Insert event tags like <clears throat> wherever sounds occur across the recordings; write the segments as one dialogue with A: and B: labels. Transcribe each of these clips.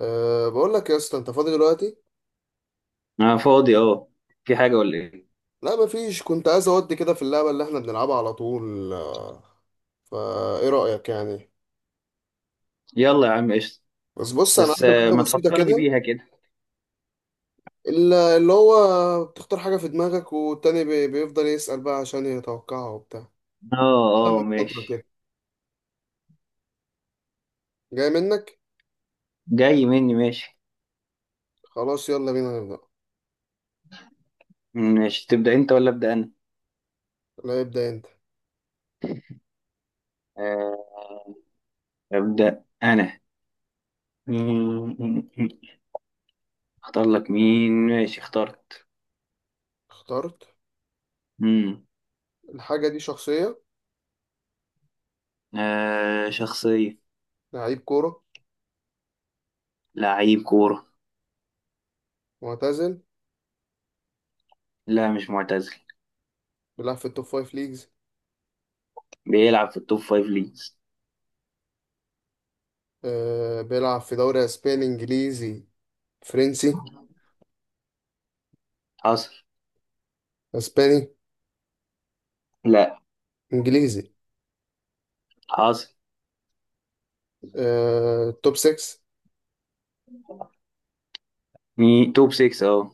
A: بقول لك يا اسطى انت فاضي دلوقتي.
B: انا فاضي، اه. في حاجة ولا ايه؟
A: لا، مفيش. كنت عايز اودي كده في اللعبه اللي احنا بنلعبها على طول. فا ايه رايك يعني؟
B: يلا يا عم قشطة.
A: بس بص، انا
B: بس
A: عندي حاجه
B: ما
A: بسيطه
B: تفكرني
A: كده.
B: بيها كده.
A: اللي هو بتختار حاجه في دماغك والتاني بيفضل يسال بقى عشان يتوقعها وبتاع.
B: اه اه،
A: من فتره
B: ماشي.
A: كده جاي منك.
B: جاي مني، ماشي.
A: خلاص، يلا بينا نبدا.
B: ماشي، تبدأ انت ولا أبدأ انا؟
A: لا، ابدا انت.
B: آه، أبدأ انا. مم. اختار لك مين؟ ماشي، اخترت.
A: اخترت.
B: مم.
A: الحاجه دي شخصيه.
B: آه، شخصية.
A: لعيب كوره.
B: لعيب كورة.
A: معتزل.
B: لا، مش معتزل.
A: بيلعب في التوب فايف ليجز.
B: بيلعب في التوب فايف ليجز.
A: بيلعب في دوري اسباني، انجليزي، فرنسي.
B: حصل.
A: اسباني.
B: لا.
A: انجليزي.
B: حصل.
A: توب 6.
B: توب 6، اه.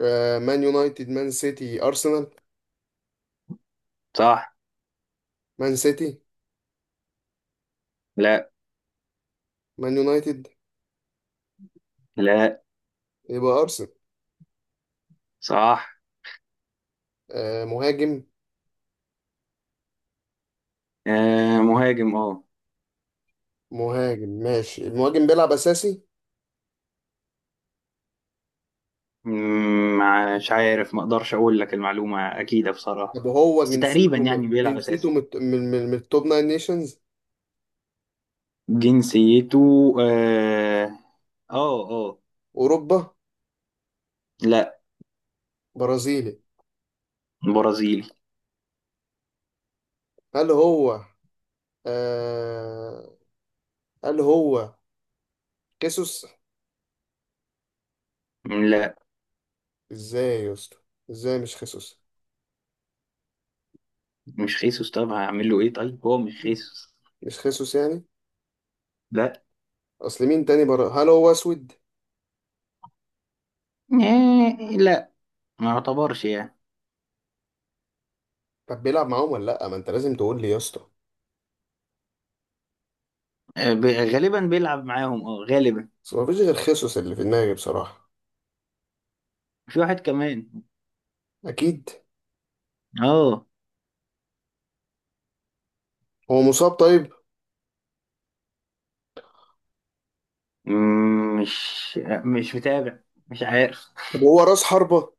A: مان يونايتد، مان سيتي، ارسنال.
B: صح.
A: مان سيتي.
B: لا.
A: مان يونايتد.
B: لا.
A: يبقى ارسنال.
B: صح.
A: مهاجم.
B: آه، مهاجم، اه.
A: مهاجم، ماشي. المهاجم بيلعب اساسي؟
B: مم، مش عارف، ما اقدرش اقول لك المعلومة اكيدة بصراحة.
A: طب هو
B: بس تقريبا
A: جنسيته
B: يعني بيلعب
A: جنسيته
B: اساسي.
A: من التوب 9 نيشنز؟
B: جنسيته، اه. اه، آه.
A: اوروبا؟
B: لا.
A: برازيلي.
B: برازيلي.
A: هل هو آه هل هو خيسوس؟
B: لا.
A: ازاي يا اسطى؟ ازاي مش خيسوس؟
B: مش خيسوس، طب هعمل له ايه طيب هو مش خيسوس.
A: مش خيسوس يعني.
B: لا.
A: اصل مين تاني برا؟ هل هو اسود؟
B: آه، لا. ما يعتبرش يعني.
A: طب بيلعب معاهم ولا لا؟ ما انت لازم تقول لي يا اسطى.
B: غالبا بيلعب معاهم، اه، غالبا.
A: بس مفيش غير خيسوس اللي في دماغي بصراحة.
B: في واحد كمان.
A: أكيد.
B: اه.
A: هو مصاب طيب؟
B: مم، مش مش متابع. مش عارف.
A: طب هو راس حربة؟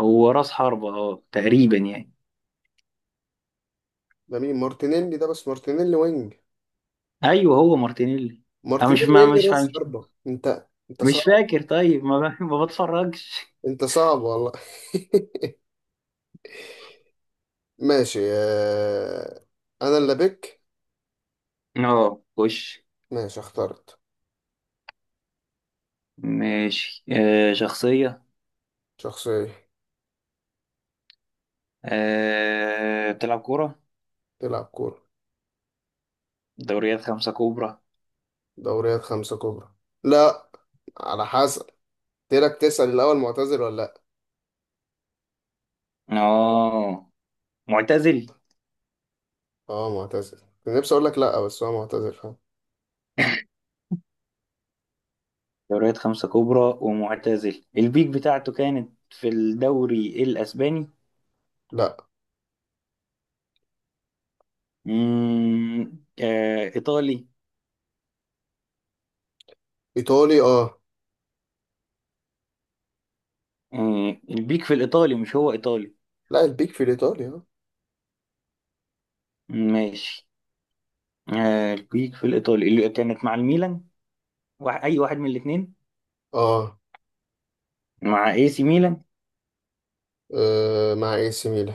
B: هو راس حربة، اه، تقريبا يعني.
A: ده مين؟ مارتينيلي ده؟ بس مارتينيلي وينج.
B: ايوه، هو مارتينيلي. انا مش
A: مارتينيلي؟
B: ما
A: إيه اللي
B: مش فا-
A: راس
B: مش
A: حربة؟ أنت
B: مش
A: صعب.
B: فاكر. طيب ما ب- <laughs> ما بتفرجش.
A: أنت صعب والله. <laughs> ماشي. أنا اللي بك.
B: اه، خش.
A: ماشي، اخترت.
B: ماشي، آه، شخصية.
A: شخصية.
B: آه، بتلعب كورة.
A: تلعب كورة.
B: دوريات خمسة كبرى.
A: دوريات خمسة كبرى. لا، على حسب. تيرك تسأل الأول معتزل ولا لأ.
B: اه. معتزل.
A: اه، معتزل. كنت نفسي أقول لك لأ بس هو معتزل، فاهم.
B: دوريات خمسة كبرى ومعتزل. البيك بتاعته كانت في الدوري الأسباني.
A: لأ.
B: آه، إيطالي.
A: إيطالي، اه.
B: آه، البيك في الإيطالي، مش هو إيطالي.
A: لا، البيك في الإيطالي، اه.
B: ماشي. آه، البيك في الإيطالي اللي كانت مع الميلان. واحد، اي واحد من الاثنين.
A: اه.
B: مع اي سي ميلان.
A: مع اي سي ميلان.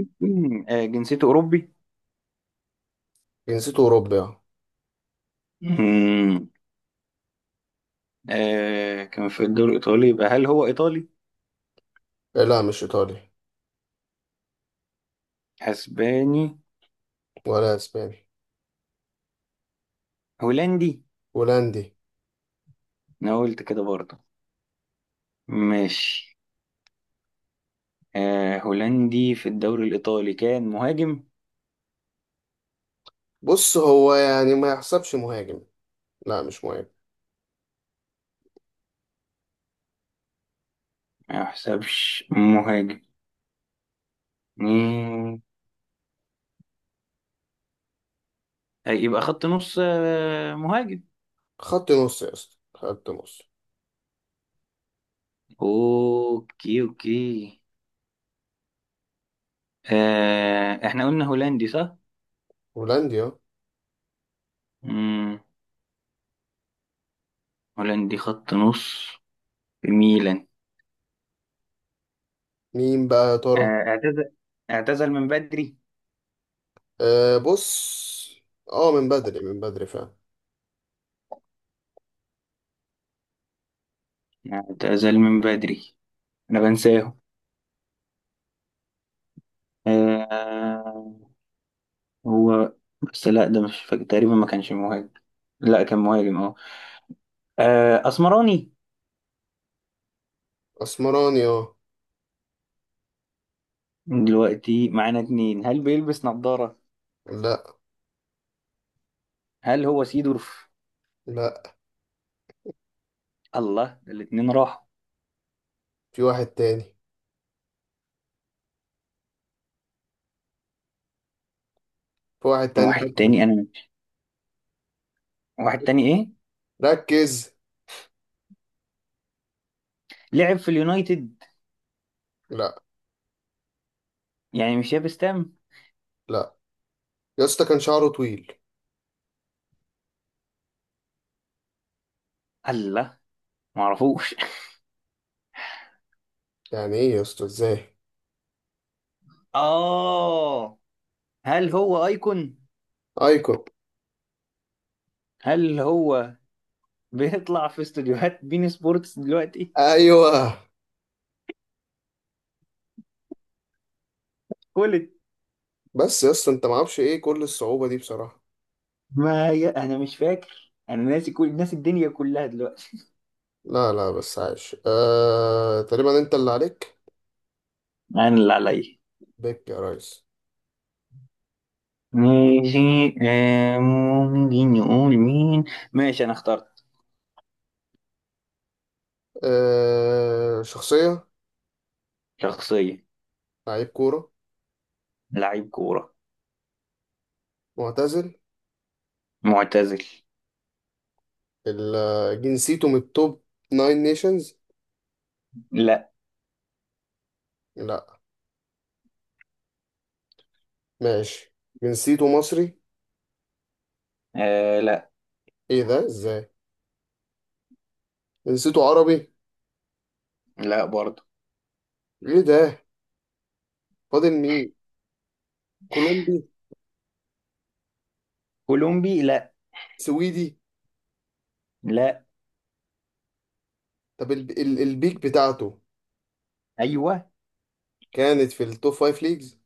B: <clears throat> جنسيته اوروبي.
A: جنسيته اوروبي، اه.
B: مم. كان في الدوري الايطالي، يبقى هل هو ايطالي؟
A: لا مش ايطالي.
B: اسباني؟
A: ولا اسباني.
B: هولندي.
A: هولندي.
B: انا قلت كده برضه. ماشي. هولندي في الدوري الايطالي، كان مهاجم.
A: بص هو يعني ما يحسبش مهاجم. لا مش مهاجم.
B: ما يحسبش مهاجم. مم. يبقى خط نص، مهاجم.
A: خط نص يا اسطى، خط نص.
B: اوكي، اوكي. احنا قلنا هولندي، صح.
A: هولندي، اه.
B: مم. هولندي خط نص. في ميلان.
A: مين بقى يا
B: آه،
A: ترى؟
B: اعتزل. اعتزل من بدري.
A: بص. اه، من بدري، من بدري فعلا.
B: اعتزل من بدري. انا بنساه. آه، هو. بس لا، ده مش فاكر تقريبا ما كانش مهاجم. لا، كان مهاجم، اه. اسمراني.
A: اسمراني، اه.
B: دلوقتي معانا اتنين. هل بيلبس نظارة؟
A: لا
B: هل هو سيدورف؟
A: لا.
B: الله، ده الاتنين راحوا.
A: في واحد تاني، في واحد تاني،
B: واحد
A: ركز.
B: تاني انا. واحد تاني ايه.
A: ركز.
B: لعب في اليونايتد.
A: لا
B: يعني مش يابس تام.
A: لا يا اسطى، كان شعره طويل.
B: الله، معرفوش <laughs>
A: يعني ايه يا اسطى؟ ازاي؟
B: اه. هل هو ايكون؟
A: ايكون.
B: هل هو بيطلع في استوديوهات بين سبورتس دلوقتي؟
A: ايوه.
B: كل.
A: بس يا اسطى انت معرفش ايه كل الصعوبة دي بصراحة.
B: ما هي انا مش فاكر، انا ناسي، كل ناسي الدنيا كلها دلوقتي.
A: لا لا، بس عايش. تقريبا. انت اللي عليك.
B: انا اللي عليا.
A: بيك يا ريس.
B: ماشي. ممكن نقول مين. ماشي، انا اخترت.
A: شخصية.
B: شخصية.
A: لعيب كورة.
B: لعيب كورة.
A: معتزل.
B: معتزل.
A: جنسيته من التوب ناين نيشنز.
B: لا.
A: لا. ماشي. جنسيته مصري؟
B: آه، لا.
A: ايه ده؟ ازاي؟ جنسيته عربي؟
B: لا برضه.
A: ايه ده؟ فاضل مين؟ كولومبي؟
B: كولومبي. لا.
A: سويدي؟
B: لا.
A: طب البيك بتاعته
B: ايوه.
A: كانت في التوب فايف ليجز.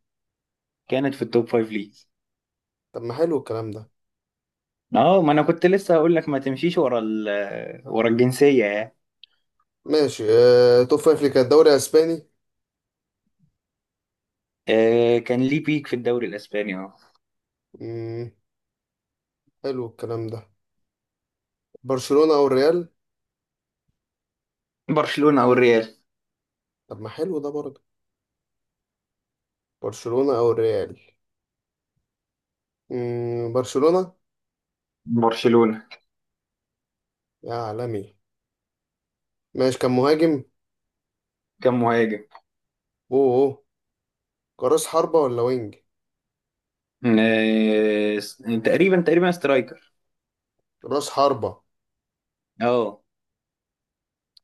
B: كانت في التوب فايف ليجز.
A: طب ما حلو الكلام ده.
B: اه، ما انا كنت لسه هقول لك ما تمشيش ورا الجنسية يعني.
A: ماشي. توب فايف ليج كان الدوري الاسباني.
B: آه، كان ليه بيك في الدوري الاسباني.
A: مم. حلو الكلام ده. برشلونة او الريال.
B: برشلونة او الريال.
A: طب ما حلو ده برضه. برشلونة او الريال. برشلونة.
B: برشلونة.
A: يا عالمي. ماشي، كان مهاجم.
B: كم مهاجم.
A: اوه اوه. كراس حربة ولا وينج؟
B: آه، س- تقريبا تقريبا سترايكر.
A: راس حربة.
B: اه.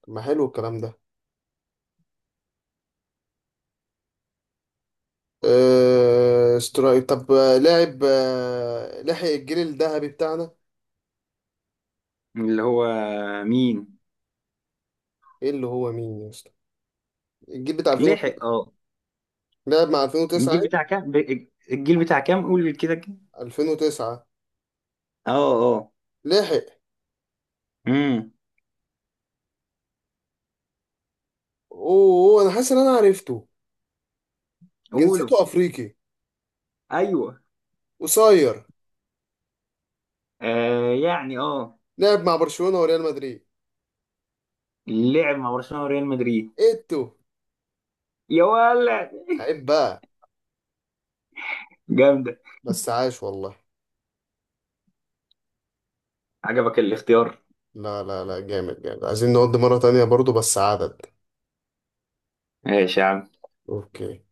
A: طب ما حلو الكلام ده. طب لاعب لحق الجيل الذهبي بتاعنا.
B: اللي هو مين.
A: ايه اللي هو مين يا اسطى؟ الجيل بتاع
B: لحق،
A: 2009.
B: اه.
A: لعب مع 2009 إيه؟
B: الجيل بتاع كام، قول كده كده.
A: 2009.
B: اه اه.
A: لحق.
B: امم
A: اوه أوه، انا حاسس ان انا عرفته.
B: قولوا.
A: جنسيته افريقي.
B: ايوه.
A: قصير.
B: آه، يعني، اه.
A: لعب مع برشلونة وريال مدريد.
B: لعب مع برشلونة وريال مدريد.
A: ايه التو.
B: يا ولد.
A: عيب بقى.
B: جامدة.
A: بس عاش والله.
B: عجبك الاختيار.
A: لا لا لا، جامد جامد، عايزين نقضي مرة تانية برضو بس عدد.
B: ماشي يا عم.
A: اوكي.